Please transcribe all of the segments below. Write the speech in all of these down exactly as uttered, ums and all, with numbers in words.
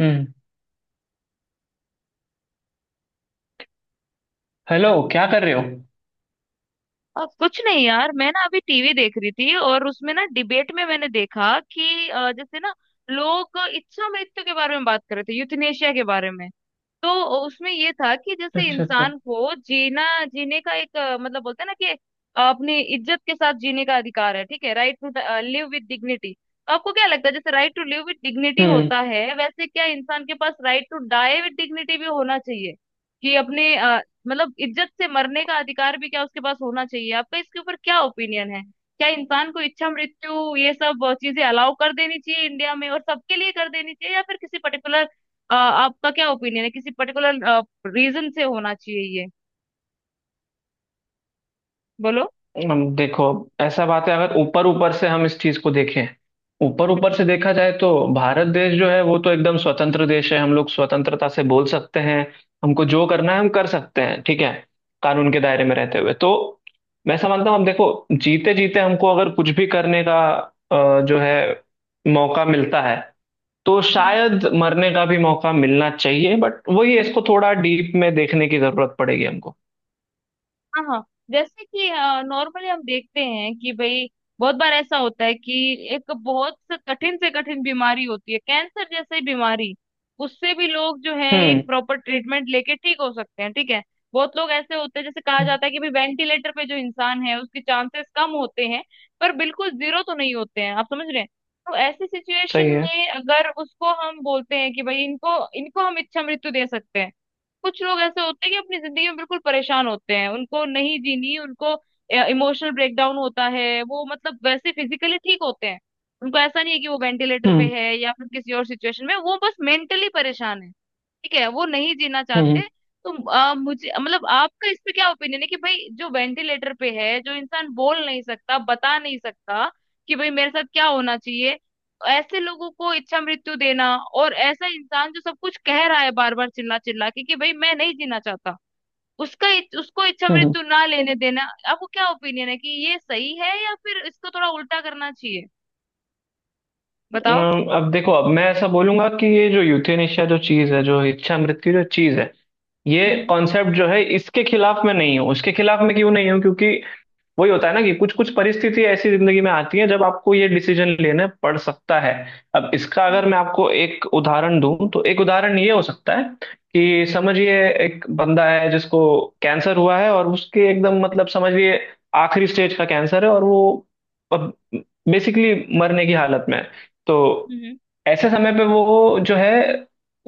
हम्म। Hello, क्या कर रहे हो? अब कुछ नहीं यार, मैं ना अभी टीवी देख रही थी और उसमें ना डिबेट में मैंने देखा कि अ, जैसे ना लोग इच्छा मृत्यु के बारे में बात कर रहे थे, यूथनेशिया के बारे में। तो उसमें ये था कि जैसे अच्छा अच्छा। इंसान को जीना जीने का एक अ, मतलब बोलते हैं ना कि अपनी इज्जत के साथ जीने का अधिकार है, ठीक है, right to live with dignity. तो आपको क्या लगता है, जैसे right to live with dignity हम्म। होता है, वैसे क्या इंसान के पास right to die with dignity भी होना चाहिए कि अपने अ, मतलब इज्जत से मरने का अधिकार भी क्या उसके पास होना चाहिए? आपका इसके ऊपर क्या ओपिनियन है? क्या इंसान को इच्छा मृत्यु ये सब चीजें अलाउ कर देनी चाहिए इंडिया में, और सबके लिए कर देनी चाहिए या फिर किसी पर्टिकुलर अ, आपका क्या ओपिनियन है, किसी पर्टिकुलर रीजन से होना चाहिए ये? बोलो। हम देखो, ऐसा बात है। अगर ऊपर ऊपर से हम इस चीज को देखें, ऊपर ऊपर से देखा जाए तो भारत देश जो है वो तो एकदम स्वतंत्र देश है। हम लोग स्वतंत्रता से बोल सकते हैं, हमको जो करना है हम कर सकते हैं, ठीक है, कानून के दायरे में रहते हुए। तो मैं समझता हूँ, हम देखो, जीते जीते हमको अगर कुछ भी करने का अ, जो है मौका मिलता है तो हम्म। शायद मरने का भी मौका मिलना चाहिए। बट वही है, इसको थोड़ा डीप में देखने की जरूरत पड़ेगी हमको। हाँ हाँ। जैसे कि नॉर्मली हम देखते हैं कि भाई बहुत बार ऐसा होता है कि एक बहुत से कठिन से कठिन बीमारी होती है, कैंसर जैसी बीमारी। उससे भी लोग जो है एक हम्म। प्रॉपर ट्रीटमेंट लेके ठीक हो सकते हैं, ठीक है। बहुत लोग ऐसे होते हैं जैसे कहा जाता है कि भाई वेंटिलेटर पे जो इंसान है उसके चांसेस कम होते हैं, पर बिल्कुल जीरो तो नहीं होते हैं, आप समझ रहे हैं। तो ऐसी सिचुएशन सही है। में अगर उसको हम बोलते हैं कि भाई इनको इनको हम इच्छा मृत्यु दे सकते हैं। कुछ लोग ऐसे होते हैं कि अपनी जिंदगी में बिल्कुल परेशान होते हैं, उनको नहीं जीनी उनको, इमोशनल ब्रेकडाउन होता है। वो मतलब वैसे फिजिकली ठीक होते हैं, उनको ऐसा नहीं है कि वो वेंटिलेटर पे हम्म। है या फिर किसी और सिचुएशन में, वो बस मेंटली परेशान है, ठीक है, वो नहीं जीना हम्म। चाहते। तो आ, मुझे मतलब आपका इस पे क्या ओपिनियन है कि भाई जो वेंटिलेटर पे है, जो इंसान बोल नहीं सकता, बता नहीं सकता कि भाई मेरे साथ क्या होना चाहिए, ऐसे लोगों को इच्छा मृत्यु देना, और ऐसा इंसान जो सब कुछ कह रहा है बार बार चिल्ला चिल्ला के कि भाई मैं नहीं जीना चाहता, उसका उसको इच्छा हम्म। मृत्यु ना लेने देना, आपको क्या ओपिनियन है कि ये सही है या फिर इसको थोड़ा उल्टा करना चाहिए? बताओ। अम, अब देखो, अब मैं ऐसा बोलूंगा कि ये जो यूथेनेशिया जो चीज है, जो इच्छा मृत्यु जो चीज है, ये हम्म। कॉन्सेप्ट जो है, इसके खिलाफ मैं नहीं हूँ। उसके खिलाफ मैं क्यों नहीं हूँ, क्योंकि वही होता है ना कि कुछ कुछ परिस्थिति ऐसी जिंदगी में आती है जब आपको ये डिसीजन लेने पड़ सकता है। अब इसका अगर हम्म। मैं आपको एक उदाहरण दूं तो एक उदाहरण ये हो सकता है कि, समझिए, एक बंदा है जिसको कैंसर हुआ है, और उसके एकदम मतलब, समझिए, आखिरी स्टेज का कैंसर है और वो बेसिकली मरने की हालत में है। तो हम्म। ऐसे समय पे वो जो है,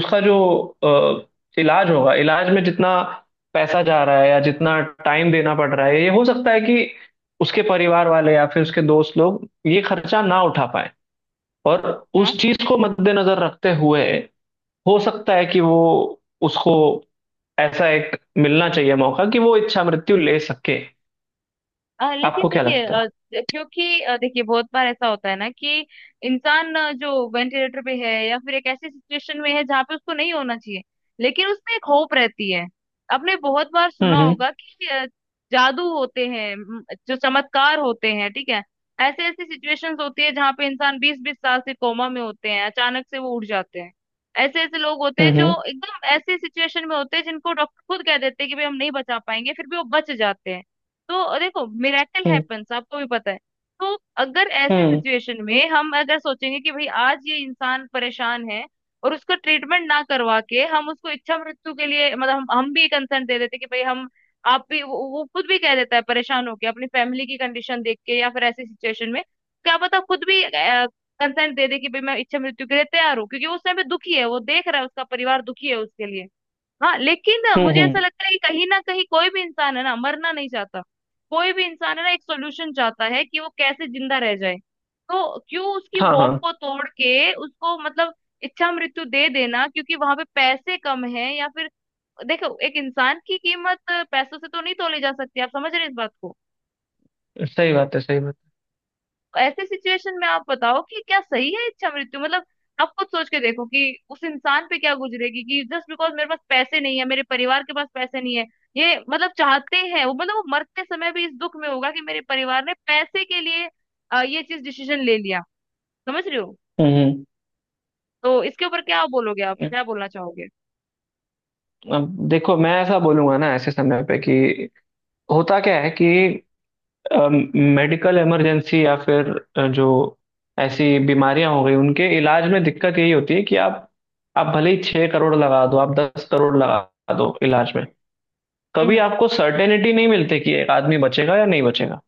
उसका जो अ, इलाज होगा, इलाज में जितना पैसा जा रहा है या जितना टाइम देना पड़ रहा है, ये हो सकता है कि उसके परिवार वाले या फिर उसके दोस्त लोग ये खर्चा ना उठा पाए। और उस हम्म। चीज को मद्देनजर रखते हुए हो सकता है कि वो, उसको ऐसा एक मिलना चाहिए मौका कि वो इच्छा मृत्यु ले सके। अ, आपको लेकिन क्या देखिए, लगता है? अ, क्योंकि अ, देखिए बहुत बार ऐसा होता है ना कि इंसान अ, जो वेंटिलेटर पे है या फिर एक ऐसी सिचुएशन में है जहाँ पे उसको नहीं होना चाहिए, लेकिन उसमें एक होप रहती है। आपने बहुत बार सुना हम्म। होगा कि अ, जादू होते हैं, म, जो चमत्कार होते हैं, ठीक है। ऐसे ऐसी सिचुएशंस होती है जहाँ पे इंसान बीस बीस साल से कोमा में होते हैं, अचानक से वो उठ जाते हैं। ऐसे ऐसे लोग होते हैं हम्म। हम्म। जो एकदम ऐसी सिचुएशन में होते हैं जिनको डॉक्टर खुद कह देते हैं कि भाई हम नहीं बचा पाएंगे, फिर भी वो बच जाते हैं। तो देखो, मिरेकल हम्म। हैपेंस, आपको भी पता है। तो अगर ऐसी हम्म। सिचुएशन में हम अगर सोचेंगे कि भाई आज ये इंसान परेशान है और उसका ट्रीटमेंट ना करवा के हम उसको इच्छा मृत्यु के लिए मतलब हम, हम भी कंसर्न दे देते कि भाई हम, आप भी वो, वो खुद भी कह देता है परेशान होके अपनी फैमिली की कंडीशन देख के या फिर ऐसी सिचुएशन में, क्या पता खुद भी कंसर्न दे दे कि भाई मैं इच्छा मृत्यु के लिए तैयार हूँ, क्योंकि वो उस समय दुखी है, वो देख रहा है उसका परिवार दुखी है उसके लिए। हाँ, लेकिन हम्म। मुझे ऐसा हम्म, लगता है कि कहीं ना कहीं कोई भी इंसान है ना मरना नहीं चाहता, कोई भी इंसान है ना एक सोल्यूशन चाहता है कि वो कैसे जिंदा रह जाए। तो क्यों उसकी हाँ होप हाँ, को तोड़ के उसको मतलब इच्छा मृत्यु दे देना क्योंकि वहां पे पैसे कम है या फिर, देखो एक इंसान की कीमत पैसों से तो नहीं तोली जा सकती, आप समझ रहे हैं इस बात को। सही बात है, सही बात ऐसे सिचुएशन में आप बताओ कि क्या सही है इच्छा मृत्यु मतलब, आप खुद सोच के देखो कि उस इंसान पे क्या गुजरेगी कि जस्ट बिकॉज मेरे पास पैसे नहीं है, मेरे परिवार के पास पैसे नहीं है, ये मतलब चाहते हैं वो मतलब वो मरते समय भी इस दुख में होगा कि मेरे परिवार ने पैसे के लिए अ, ये चीज डिसीजन ले लिया। समझ रहे हो? है। हम्म। तो इसके ऊपर क्या बोलोगे, आप हम्म। क्या बोलना चाहोगे? अब देखो, मैं ऐसा बोलूंगा ना, ऐसे समय पे कि होता क्या है कि मेडिकल इमरजेंसी या फिर अ, जो ऐसी बीमारियां हो गई, उनके इलाज में दिक्कत यही होती है कि आप आप भले ही छह करोड़ लगा दो, आप दस करोड़ लगा दो इलाज में, हम्म। कभी हम्म। आपको सर्टेनिटी नहीं मिलती कि एक आदमी बचेगा या नहीं बचेगा।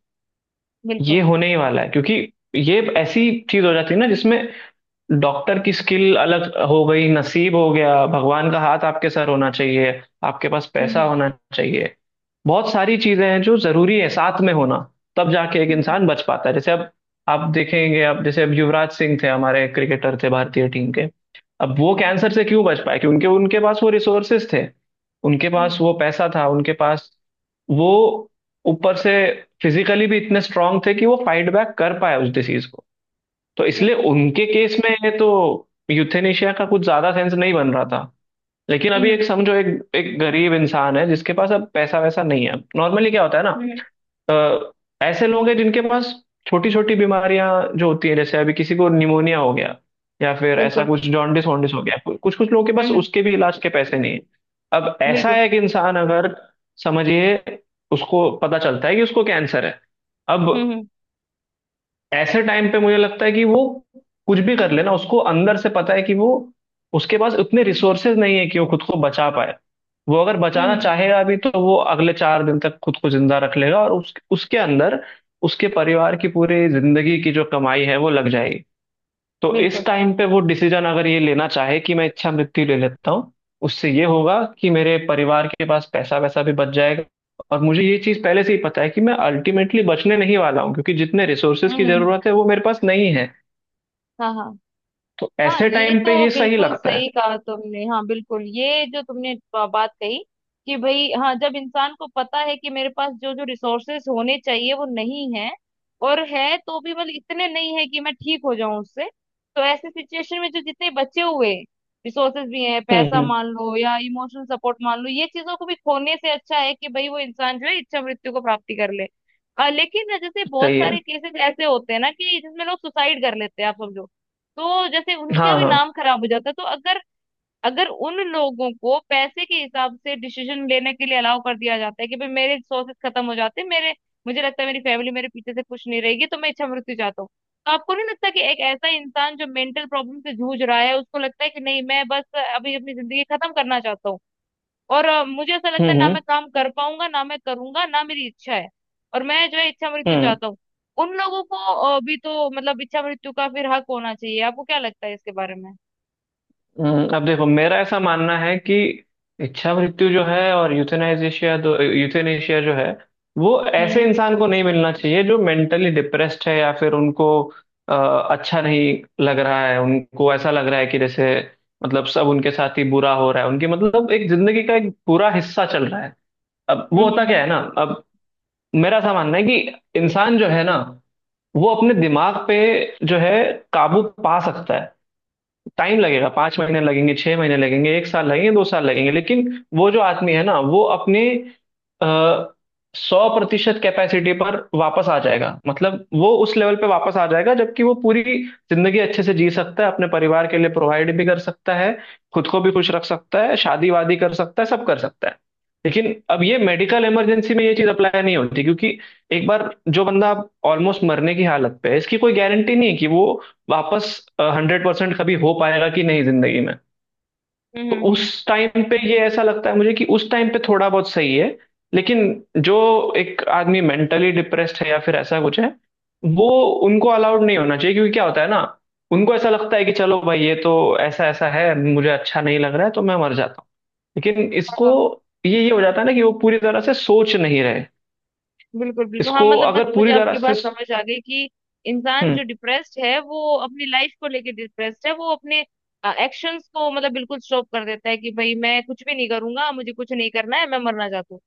ये बिल्कुल। होने ही वाला है, क्योंकि ये ऐसी चीज हो जाती है ना, जिसमें डॉक्टर की स्किल अलग हो गई, नसीब हो गया, भगवान का हाथ आपके सर होना चाहिए, आपके पास पैसा हम्म। होना चाहिए, बहुत सारी चीजें हैं जो जरूरी है साथ में होना, तब जाके एक हम्म। हम्म। इंसान बच पाता है। जैसे अब आप देखेंगे, अब जैसे, अब युवराज सिंह थे, हमारे क्रिकेटर थे भारतीय टीम के, अब वो हम्म। कैंसर से क्यों बच पाए, क्योंकि उनके पास वो रिसोर्सेस थे, उनके पास हम्म। वो पैसा था, उनके पास वो ऊपर से फिजिकली भी इतने स्ट्रांग थे कि वो फाइट बैक कर पाए उस डिसीज को। तो इसलिए बिल्कुल। उनके केस में तो यूथेनेशिया का कुछ ज्यादा सेंस नहीं बन रहा था। लेकिन अभी एक हम्म। समझो, एक एक गरीब इंसान है जिसके पास अब पैसा वैसा नहीं है, नॉर्मली क्या होता है ना, हम्म। हम्म। अ, ऐसे लोग हैं जिनके पास छोटी छोटी बीमारियां जो होती हैं, जैसे अभी किसी को निमोनिया हो गया, या फिर ऐसा बिल्कुल। कुछ जॉन्डिस वॉन्डिस हो गया, कुछ कुछ लोगों के हम्म। पास हम्म। उसके भी इलाज के पैसे नहीं है। अब ऐसा बिल्कुल। है कि इंसान अगर, समझिए, उसको पता चलता है कि उसको कैंसर है। अब हम्म। ऐसे टाइम पे मुझे लगता है कि वो कुछ भी कर लेना, उसको अंदर से पता है कि वो, उसके पास उतने रिसोर्सेज नहीं है कि वो खुद को बचा पाए। वो अगर हम्म। बचाना हम्म। चाहेगा भी तो वो अगले चार दिन तक खुद को जिंदा रख लेगा और उस, उसके अंदर उसके परिवार की पूरी जिंदगी की जो कमाई है वो लग जाएगी। तो बिल्कुल। इस टाइम पे वो डिसीजन अगर ये लेना चाहे कि मैं इच्छा मृत्यु ले लेता हूँ, उससे ये होगा कि मेरे परिवार के पास पैसा वैसा भी बच जाएगा, और मुझे ये चीज पहले से ही पता है कि मैं अल्टीमेटली बचने नहीं वाला हूँ, क्योंकि जितने रिसोर्सेज हम्म। की हम्म। जरूरत है वो मेरे पास नहीं है। हाँ हाँ। तो हाँ, ऐसे ये टाइम पे तो ये सही बिल्कुल लगता है। सही कहा तुमने, हाँ बिल्कुल, ये जो तुमने बा- बात कही कि भाई हाँ, जब इंसान को पता है कि मेरे पास जो जो रिसोर्सेस होने चाहिए वो नहीं है, और है तो भी मतलब इतने नहीं है कि मैं ठीक हो जाऊं उससे, तो ऐसे सिचुएशन में जो जितने बचे हुए रिसोर्सेज भी हैं, हम्म। पैसा हम्म। मान लो या इमोशनल सपोर्ट मान लो, ये चीजों को भी खोने से अच्छा है कि भाई वो इंसान जो है इच्छा मृत्यु को प्राप्ति कर ले। अ, लेकिन ना, जैसे बहुत सही है। सारे केसेस ऐसे होते हैं ना कि जिसमें लोग सुसाइड कर लेते हैं, आप समझो, तो जैसे उनका हाँ भी हाँ। नाम खराब हो जाता है। तो अगर, अगर उन लोगों को पैसे के हिसाब से डिसीजन लेने के लिए अलाउ कर दिया जाता है कि भाई मेरे सोर्सेस खत्म हो जाते हैं, मेरे, मुझे लगता है मेरी फैमिली मेरे पीछे से खुश नहीं रहेगी, तो मैं इच्छा मृत्यु चाहता हूँ, तो आपको नहीं लगता कि एक ऐसा इंसान जो मेंटल प्रॉब्लम से जूझ रहा है, उसको लगता है कि नहीं, मैं बस अभी अपनी जिंदगी खत्म करना चाहता हूँ, और अ, मुझे ऐसा हम्म। लगता है ना हम्म। मैं काम कर पाऊंगा, ना मैं करूंगा, ना मेरी इच्छा है, और मैं जो है इच्छा मृत्यु हम्म। चाहता हूँ, उन लोगों को अ, भी तो मतलब इच्छा मृत्यु का फिर हक होना चाहिए, आपको क्या लगता है इसके बारे में? हम्म, अब देखो, मेरा ऐसा मानना है कि इच्छा मृत्यु जो है, और यूथेनाइजेशिया दो यूथेनेशिया जो है, वो ऐसे हम्म। इंसान को नहीं मिलना चाहिए जो मेंटली डिप्रेस्ड है, या फिर उनको अ, अच्छा नहीं लग रहा है, उनको ऐसा लग रहा है कि जैसे मतलब सब उनके साथ ही बुरा हो रहा है, उनकी मतलब एक जिंदगी का एक पूरा हिस्सा चल रहा है। अब हम्म। वो हम्म। होता क्या हम्म। है ना, अब मेरा ऐसा मानना है कि इंसान जो है ना, वो अपने दिमाग पे जो है काबू पा सकता है। टाइम लगेगा, पांच महीने लगेंगे, छह महीने लगेंगे, एक साल लगेंगे, दो साल लगेंगे, लेकिन वो जो आदमी है ना, वो अपने सौ प्रतिशत कैपेसिटी पर वापस आ जाएगा। मतलब वो उस लेवल पे वापस आ जाएगा जबकि वो पूरी जिंदगी अच्छे से जी सकता है, अपने परिवार के लिए प्रोवाइड भी कर सकता है, खुद को भी खुश रख सकता है, शादी वादी कर सकता है, सब कर सकता है। लेकिन अब ये मेडिकल इमरजेंसी में ये चीज अप्लाई नहीं होती, क्योंकि एक बार जो बंदा ऑलमोस्ट मरने की हालत पे है, इसकी कोई गारंटी नहीं है कि वो वापस हंड्रेड परसेंट कभी हो पाएगा कि नहीं जिंदगी में। हम्म। तो हम्म। हम्म। हम्म। हम्म। उस टाइम पे ये ऐसा लगता है मुझे कि उस टाइम पे थोड़ा बहुत सही है। लेकिन जो एक आदमी मेंटली डिप्रेस्ड है, या फिर ऐसा कुछ है, वो, उनको अलाउड नहीं होना चाहिए, क्योंकि क्या होता है ना, उनको ऐसा लगता है कि चलो भाई, ये तो ऐसा ऐसा है, मुझे अच्छा नहीं लग रहा है, तो मैं मर जाता हूँ। लेकिन इसको ये ये हो जाता है ना कि वो पूरी तरह से सोच नहीं रहे। बिल्कुल, बिल्कुल, हाँ, इसको मतलब बस अगर मुझे पूरी तरह आपकी से… बात समझ आ गई कि इंसान हम्म। जो डिप्रेस्ड है वो अपनी लाइफ को लेके डिप्रेस्ड है, वो अपने एक्शंस को मतलब बिल्कुल स्टॉप कर देता है कि भाई मैं कुछ भी नहीं करूंगा, मुझे कुछ नहीं करना है, मैं मरना चाहता हूँ।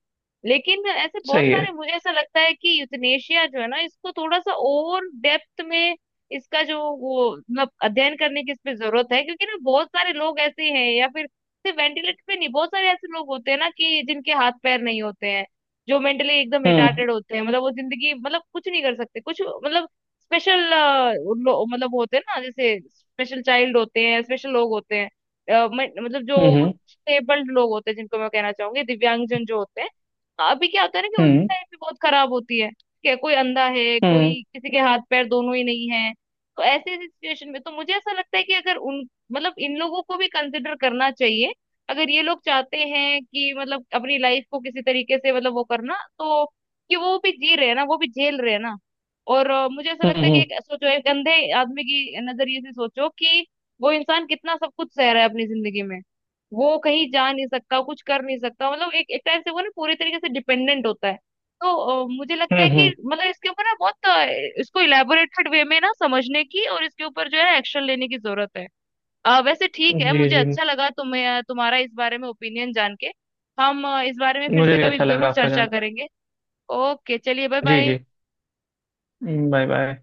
लेकिन ऐसे बहुत सही है। सारे, मुझे ऐसा लगता है कि यूथनेशिया जो है ना, इसको थोड़ा सा और डेप्थ में, इसका जो वो मतलब अध्ययन करने की इस पे जरूरत है, क्योंकि ना बहुत सारे लोग ऐसे हैं या फिर सिर्फ वेंटिलेटर पे नहीं, बहुत सारे ऐसे लोग होते हैं ना कि जिनके हाथ पैर नहीं होते हैं, जो मेंटली एकदम हम्म। रिटार्टेड होते हैं, मतलब वो जिंदगी मतलब कुछ नहीं कर सकते, कुछ मतलब स्पेशल मतलब होते हैं ना, जैसे स्पेशल चाइल्ड होते हैं, स्पेशल लोग होते हैं। अ, मैं- मतलब जो हम्म। स्टेबल्ड लोग होते हैं जिनको मैं कहना चाहूंगी दिव्यांगजन जो होते हैं, अभी क्या होता है ना कि उनकी हम्म। लाइफ भी बहुत खराब होती है कि कोई अंधा है, हम्म। कोई किसी के हाथ पैर दोनों ही नहीं है। तो ऐसे ऐसी सिचुएशन में तो मुझे ऐसा लगता है कि अगर उन मतलब इन लोगों को भी कंसिडर करना चाहिए, अगर ये लोग चाहते हैं कि मतलब अपनी लाइफ को किसी तरीके से मतलब वो करना तो, कि वो भी जी रहे हैं ना, वो भी झेल रहे हैं ना। और अ, मुझे ऐसा हम्म। लगता है कि हम्म। एक सोचो, एक अंधे आदमी की नजरिए से सोचो कि वो इंसान कितना सब कुछ सह रहा है अपनी जिंदगी में, वो कहीं जा नहीं सकता, कुछ कर नहीं सकता, मतलब एक एक टाइप से वो ना पूरी तरीके से डिपेंडेंट होता है। तो अ, मुझे लगता है हम्म। कि हम्म। मतलब इसके ऊपर ना बहुत अ, इसको इलेबोरेटेड वे में ना समझने की और इसके ऊपर जो है एक्शन लेने की जरूरत है। अ, वैसे ठीक है, जी मुझे जी। अच्छा लगा तुम्हें, तुम्हारा इस बारे में ओपिनियन जान के। हम अ, इस बारे में फिर मुझे से भी कभी अच्छा लगा जरूर आपका चर्चा जान। करेंगे। ओके, चलिए, बाय जी बाय। जी। Bye bye.